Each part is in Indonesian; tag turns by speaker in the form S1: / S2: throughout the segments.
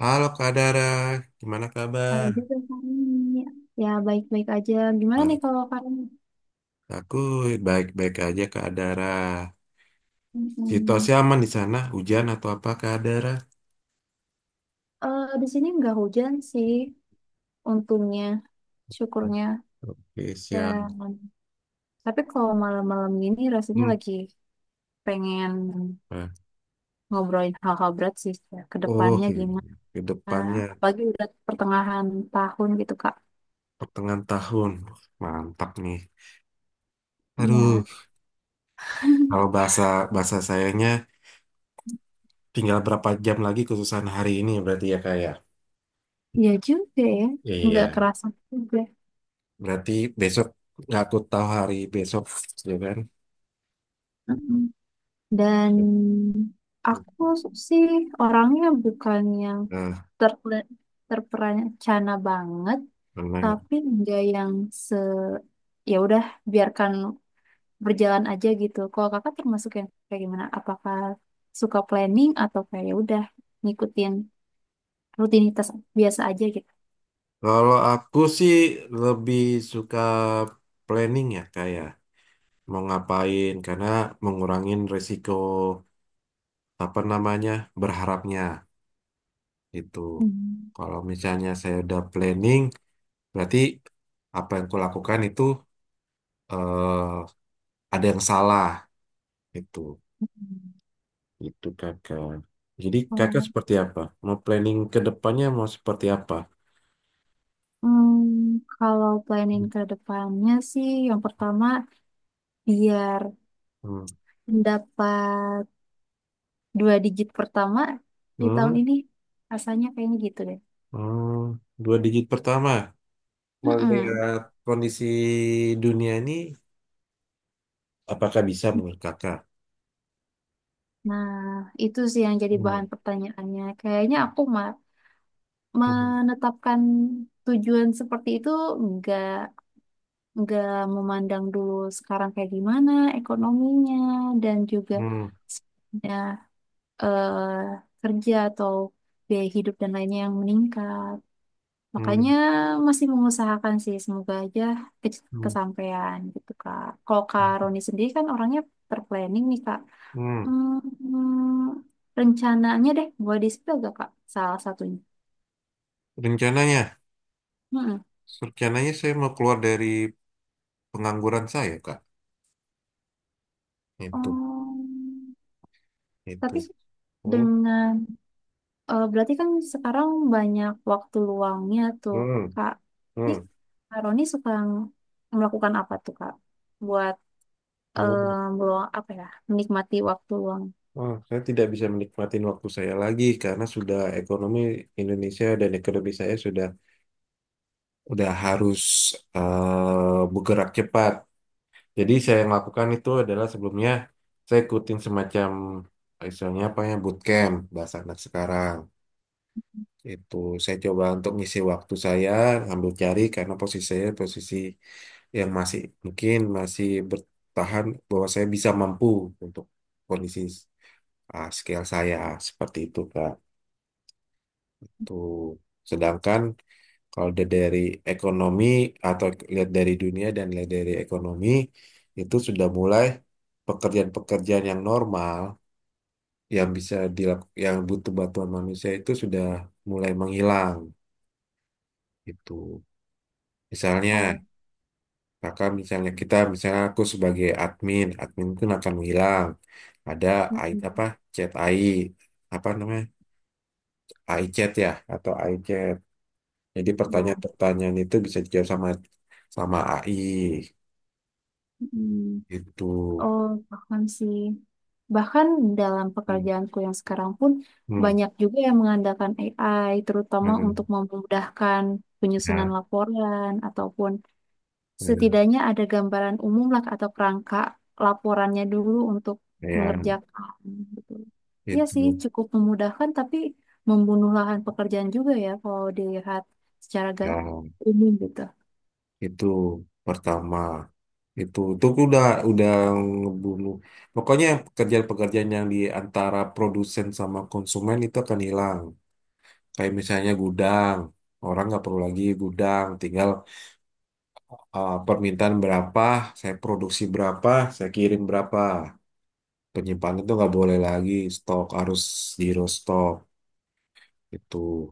S1: Halo Kak Dara, gimana
S2: Oh,
S1: kabar?
S2: juga Kak Karni. Ya, baik-baik aja. Gimana nih
S1: Baik,
S2: kalau Karni?
S1: aku baik-baik aja Kak Dara. Situasi
S2: Hmm.
S1: aman di sana, hujan atau apa Kak Dara?
S2: Eh, di sini nggak hujan sih, untungnya, syukurnya.
S1: Oke, siap.
S2: Dan, tapi kalau malam-malam gini rasanya
S1: Hmm.
S2: lagi pengen
S1: Nah.
S2: ngobrolin hal-hal berat sih. Ya, ke
S1: Oh,
S2: depannya gimana.
S1: ke depannya
S2: Apalagi udah pertengahan tahun gitu, Kak.
S1: pertengahan tahun. Mantap nih. Aduh,
S2: Ya,
S1: kalau bahasa bahasa sayanya tinggal berapa jam lagi kesusahan hari ini berarti ya Kak ya?
S2: ya juga ya.
S1: Iya,
S2: Nggak kerasa juga.
S1: berarti besok nggak aku tahu hari besok, ya kan?
S2: Mm-mm. Dan aku sih orangnya bukan yang
S1: Nah,
S2: terpre- terperencana banget
S1: benar.
S2: tapi nggak yang se ya udah biarkan berjalan aja gitu, kalau kakak termasuk yang kayak gimana, apakah suka planning atau kayak ya udah ngikutin rutinitas biasa aja gitu.
S1: Kalau aku sih lebih suka planning ya kayak mau ngapain karena mengurangin resiko apa namanya berharapnya itu.
S2: Hmm.
S1: Kalau misalnya saya udah planning berarti apa yang kulakukan itu eh, ada yang salah itu. Itu kakak. Jadi kakak
S2: Oh,
S1: seperti apa? Mau planning ke depannya mau seperti apa?
S2: hmm, kalau planning ke depannya sih, yang pertama biar
S1: Hmm.
S2: mendapat dua digit pertama di tahun
S1: Hmm.
S2: ini, rasanya kayaknya gitu deh.
S1: Hmm. Dua digit pertama.
S2: Mm-mm.
S1: Melihat kondisi dunia ini, apakah bisa menurut kakak?
S2: Nah, itu sih yang jadi
S1: Hmm,
S2: bahan pertanyaannya. Kayaknya aku
S1: hmm,
S2: menetapkan tujuan seperti itu nggak nggak memandang dulu sekarang kayak gimana ekonominya dan juga
S1: hmm,
S2: ya, eh, kerja atau biaya hidup dan lainnya yang meningkat.
S1: hmm,
S2: Makanya masih mengusahakan sih, semoga aja ke-
S1: hmm,
S2: kesampaian gitu Kak. Kalau Kak Roni sendiri kan orangnya terplanning nih Kak.
S1: hmm.
S2: Hmm, Rencananya deh gue di situ agak kak salah satunya.
S1: Rencananya,
S2: Mm-mm.
S1: rencananya, saya mau keluar dari pengangguran saya, Kak. Itu,
S2: Oh,
S1: itu.
S2: tapi
S1: Hmm,
S2: dengan berarti kan sekarang banyak waktu luangnya tuh
S1: hmm,
S2: kak. Jadi
S1: hmm,
S2: Kak Roni suka melakukan apa tuh kak? Buat eh
S1: hmm.
S2: meluang apa ya? Menikmati waktu luang.
S1: Ah, saya tidak bisa menikmati waktu saya lagi karena sudah ekonomi Indonesia dan ekonomi saya sudah harus bergerak cepat. Jadi saya yang lakukan itu adalah sebelumnya saya ikutin semacam istilahnya apa ya bootcamp bahasa anak sekarang. Itu saya coba untuk ngisi waktu saya, ambil cari karena posisi saya, posisi yang masih mungkin masih bertahan bahwa saya bisa mampu untuk kondisi, ah, skill saya seperti itu Kak. Tuh. Sedangkan kalau lihat dari ekonomi atau lihat dari dunia dan lihat dari ekonomi itu sudah mulai, pekerjaan-pekerjaan yang normal yang bisa dilakukan yang butuh bantuan manusia itu sudah mulai menghilang gitu. Misalnya
S2: Ah,
S1: kakak, misalnya kita, misalnya aku sebagai admin, admin itu akan menghilang. Ada AI, apa
S2: mm-mm.
S1: chat AI apa namanya AI chat ya atau AI chat. Jadi
S2: Ya.
S1: pertanyaan-pertanyaan itu bisa dijawab sama sama AI.
S2: Mm-mm.
S1: Itu.
S2: Oh, paham sih. Bahkan dalam
S1: Hmm,
S2: pekerjaanku yang sekarang pun
S1: hmm,
S2: banyak juga yang mengandalkan AI, terutama untuk
S1: hmm.
S2: memudahkan penyusunan
S1: Nah,
S2: laporan ataupun
S1: nah,
S2: setidaknya ada gambaran umum lah atau kerangka laporannya dulu untuk
S1: ya,
S2: mengerjakan gitu. Iya sih,
S1: itu,
S2: cukup memudahkan tapi membunuh lahan pekerjaan juga ya kalau dilihat secara
S1: ya,
S2: umum gitu.
S1: itu pertama, itu udah ngebunuh. Pokoknya pekerjaan-pekerjaan yang di antara produsen sama konsumen itu akan hilang. Kayak misalnya gudang, orang nggak perlu lagi gudang, tinggal, permintaan berapa, saya produksi berapa, saya kirim berapa. Penyimpanan itu nggak boleh lagi, stok harus zero stok, itu.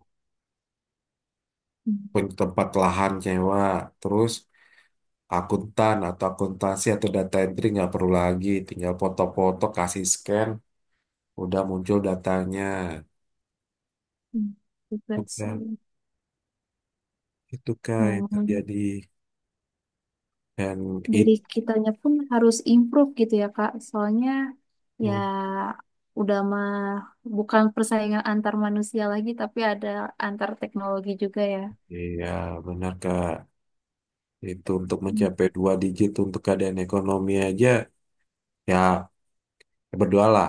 S2: Hmm,
S1: Punya tempat lahan sewa, terus akuntan atau akuntansi atau data entry nggak perlu lagi, tinggal foto-foto, kasih scan, udah muncul datanya.
S2: hmm, Juga sih.
S1: Udah, itu kak yang
S2: Memang.
S1: terjadi. Dan
S2: Dari
S1: itu,
S2: kitanya pun harus improve gitu ya Kak. Soalnya ya udah mah bukan persaingan antar manusia lagi tapi ada antar teknologi juga ya.
S1: iya benar kak, itu untuk
S2: Hmm,
S1: mencapai dua digit untuk keadaan ekonomi aja ya, berdoalah.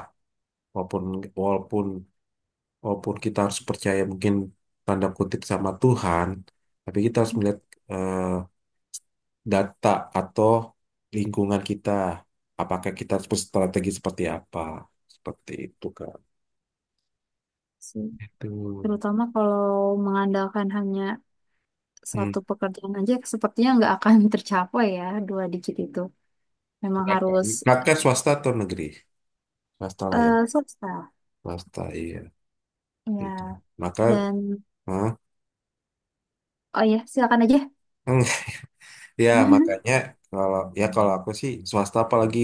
S1: Walaupun walaupun walaupun kita harus percaya mungkin tanda kutip sama Tuhan, tapi kita harus melihat eh, data atau lingkungan kita. Apakah kita harus berstrategi seperti apa? Seperti itu, Kak.
S2: sih.
S1: Itu.
S2: Terutama kalau mengandalkan hanya satu
S1: Hmm.
S2: pekerjaan aja sepertinya nggak akan tercapai ya dua digit itu. Memang
S1: Ya, Kak.
S2: harus
S1: Kakak swasta atau negeri? Swasta lah ya.
S2: swasta
S1: Swasta, iya. Itu.
S2: ya.
S1: Maka,
S2: Dan,
S1: hah?
S2: oh ya, silakan aja.
S1: Ya makanya, kalau aku sih swasta apalagi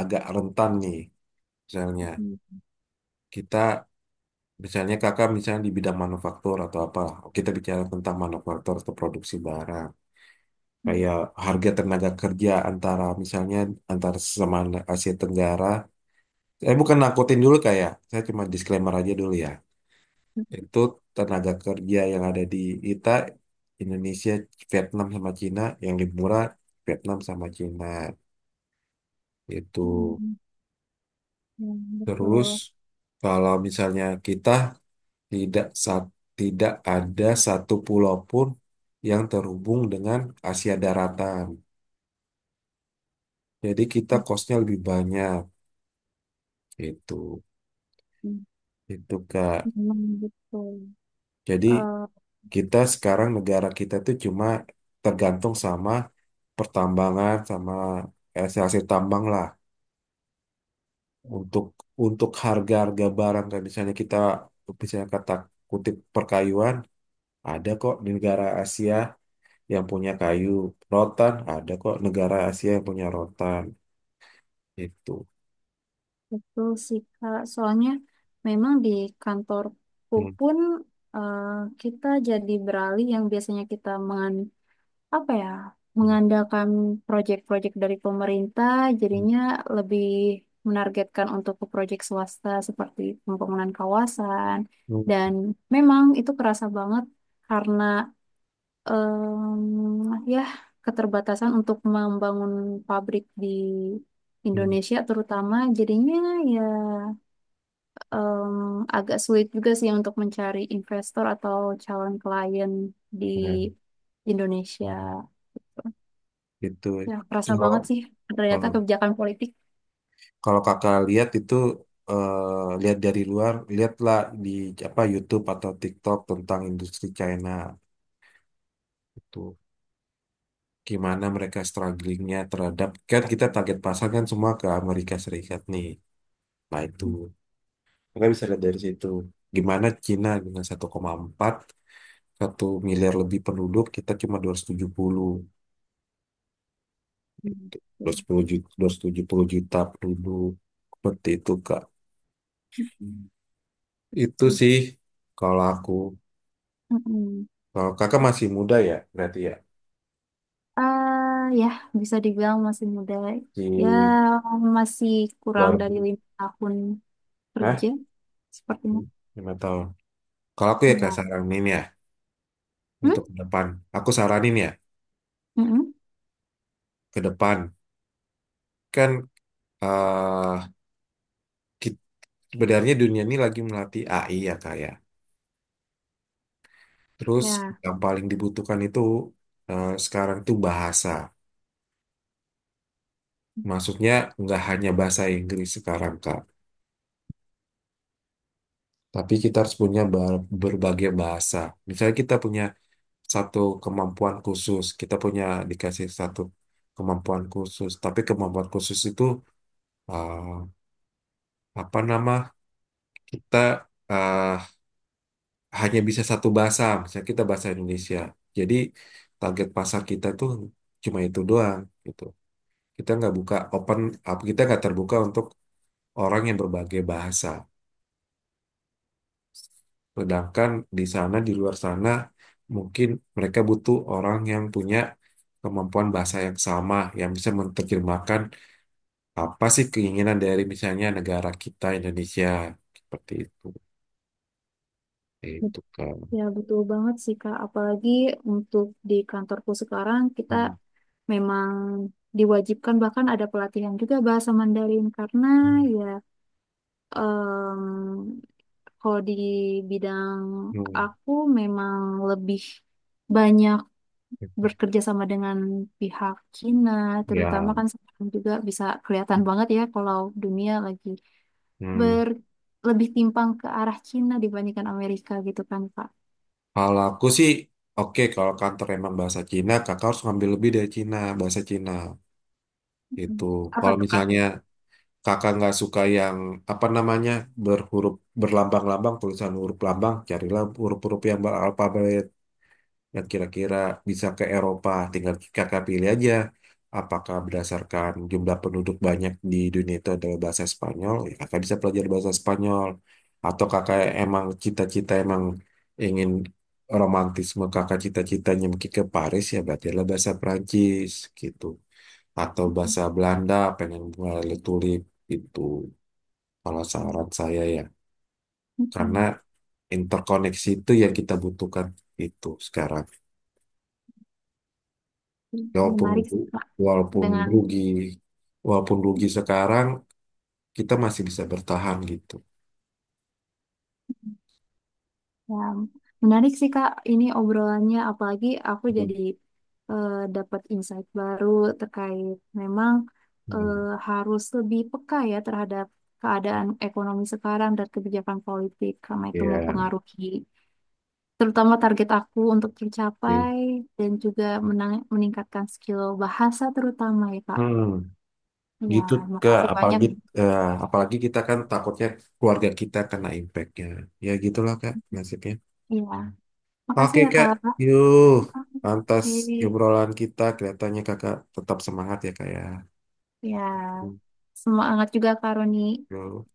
S1: agak rentan nih. Misalnya
S2: Hmm,
S1: kita, misalnya kakak misalnya di bidang manufaktur atau apa, kita bicara tentang manufaktur atau produksi barang.
S2: hmm,
S1: Kayak harga tenaga kerja antara, misalnya antara sesama Asia Tenggara. Saya bukan nakutin dulu kayak, saya cuma disclaimer aja dulu ya. Itu tenaga kerja yang ada di kita Indonesia, Vietnam sama Cina yang lebih murah, Vietnam sama Cina itu.
S2: hmm,
S1: Terus
S2: betul.
S1: kalau misalnya kita tidak sa- tidak ada satu pulau pun yang terhubung dengan Asia daratan. Jadi kita kosnya lebih banyak itu Itu Kak.
S2: Memang betul.
S1: Jadi
S2: Eh,
S1: kita sekarang negara kita tuh cuma tergantung sama pertambangan sama hasil tambang lah, untuk untuk harga-harga barang, kayak misalnya kita bisa kata kutip perkayuan, ada kok di negara Asia yang punya kayu, rotan ada kok negara Asia yang punya rotan itu.
S2: Betul sih, Kak. Soalnya memang di kantorku
S1: Hmm,
S2: pun eh, kita jadi beralih yang biasanya kita apa ya,
S1: hmm,
S2: mengandalkan proyek-proyek dari pemerintah,
S1: hmm,
S2: jadinya lebih menargetkan untuk ke proyek swasta seperti pembangunan kawasan. Dan
S1: hmm,
S2: memang itu kerasa banget karena ya, keterbatasan untuk membangun pabrik di
S1: hmm.
S2: Indonesia terutama jadinya ya em, agak sulit juga sih untuk mencari investor atau calon klien di
S1: Nah,
S2: Indonesia.
S1: itu
S2: Ya, kerasa banget sih ternyata
S1: kalau
S2: kebijakan politik.
S1: Kalau kakak lihat itu, lihat dari luar, lihatlah di apa YouTube atau TikTok tentang industri China, itu gimana mereka strugglingnya terhadap kan kita target pasar kan semua ke Amerika Serikat nih. Nah itu mereka bisa lihat dari situ, gimana Cina dengan 1,4 1 miliar lebih penduduk, kita cuma 270
S2: Hmm.
S1: 270 juta, 270 juta penduduk seperti itu Kak.
S2: Hmm.
S1: Itu sih kalau aku.
S2: Mm-mm.
S1: Kalau kakak masih muda ya, berarti ya.
S2: Ah, ya, bisa dibilang masih muda. Ya,
S1: Di
S2: masih kurang dari
S1: baru,
S2: lima tahun
S1: hah?
S2: kerja sepertinya.
S1: 5 tahun. Kalau aku ya kak
S2: Ya.
S1: saranin ya,
S2: Hmm?
S1: untuk ke depan. Aku saranin ya,
S2: Mm-mm.
S1: ke depan. Kan eh kit- sebenarnya dunia ini lagi melatih AI ya kak ya. Terus
S2: Ya,
S1: yang paling dibutuhkan itu sekarang tuh bahasa. Maksudnya nggak hanya bahasa Inggris sekarang kak. Tapi kita harus punya berbagai bahasa. Misalnya kita punya satu kemampuan khusus. Kita punya dikasih satu kemampuan khusus, tapi kemampuan khusus itu eh, apa nama? Kita eh, hanya bisa satu bahasa, misalnya kita bahasa Indonesia. Jadi target pasar kita tuh cuma itu doang gitu. Kita nggak buka open up, kita nggak terbuka untuk orang yang berbagai bahasa. Sedangkan di sana, di luar sana, mungkin mereka butuh orang yang punya kemampuan bahasa yang sama, yang bisa menerjemahkan apa sih keinginan dari misalnya negara kita Indonesia. Seperti itu.
S2: bet-
S1: Itu kan.
S2: betul banget sih Kak. Apalagi untuk di kantorku sekarang kita
S1: Hmm.
S2: memang diwajibkan, bahkan ada pelatihan juga bahasa Mandarin karena ya em, kalau di bidang
S1: Hmm.
S2: aku memang lebih banyak bekerja sama dengan pihak Cina, terutama
S1: Ya.
S2: kan sekarang juga bisa kelihatan banget ya kalau dunia lagi
S1: Hmm.
S2: ber lebih timpang ke arah Cina dibandingkan Amerika gitu kan Kak.
S1: Kalau aku sih, oke kalau kantor emang bahasa Cina, kakak harus ngambil lebih dari Cina, bahasa Cina.
S2: Mm-mm.
S1: Itu.
S2: Apa
S1: Kalau
S2: tuh Kak?
S1: misalnya kakak nggak suka yang apa namanya berhuruf, berlambang-lambang tulisan huruf lambang, carilah huruf-huruf yang beralfabet, yang kira-kira bisa ke Eropa. Tinggal kakak pilih aja, apakah berdasarkan jumlah penduduk banyak di dunia itu adalah bahasa Spanyol, ya kakak bisa pelajari bahasa Spanyol. Atau kakak emang cita-cita emang ingin romantisme, kakak cita-citanya mungkin ke Paris, ya belajarlah bahasa Perancis gitu. Atau bahasa Belanda, pengen mulai tulip gitu. Kalau
S2: Mm-mm.
S1: saran saya ya, karena
S2: Mm-mm.
S1: interkoneksi itu yang kita butuhkan itu sekarang. Walaupun
S2: Menarik sih Kak.
S1: walaupun
S2: Dengan
S1: rugi, walaupun rugi sekarang, kita masih bisa bertahan gitu.
S2: Ya, menarik sih Kak ini obrolannya, apalagi aku jadi dapat insight baru terkait memang
S1: Hmm.
S2: eh, harus lebih peka ya terhadap keadaan ekonomi sekarang dan kebijakan politik karena itu
S1: Ya,
S2: mempengaruhi terutama target aku untuk
S1: oke.
S2: tercapai dan juga meningkatkan skill bahasa terutama ya Kak.
S1: Hmm,
S2: Ya,
S1: gitu. ke
S2: makasih banyak.
S1: apalagi eh, apalagi kita kan takutnya keluarga kita kena impactnya. Ya gitulah Kak, nasibnya.
S2: Ya,
S1: Oke
S2: makasih ya
S1: Kak,
S2: Kak.
S1: yuk. Pantas
S2: Oke.
S1: obrolan kita kelihatannya Kakak tetap semangat ya Kak ya.
S2: Ya, semangat juga Kak Roni.
S1: Yuk.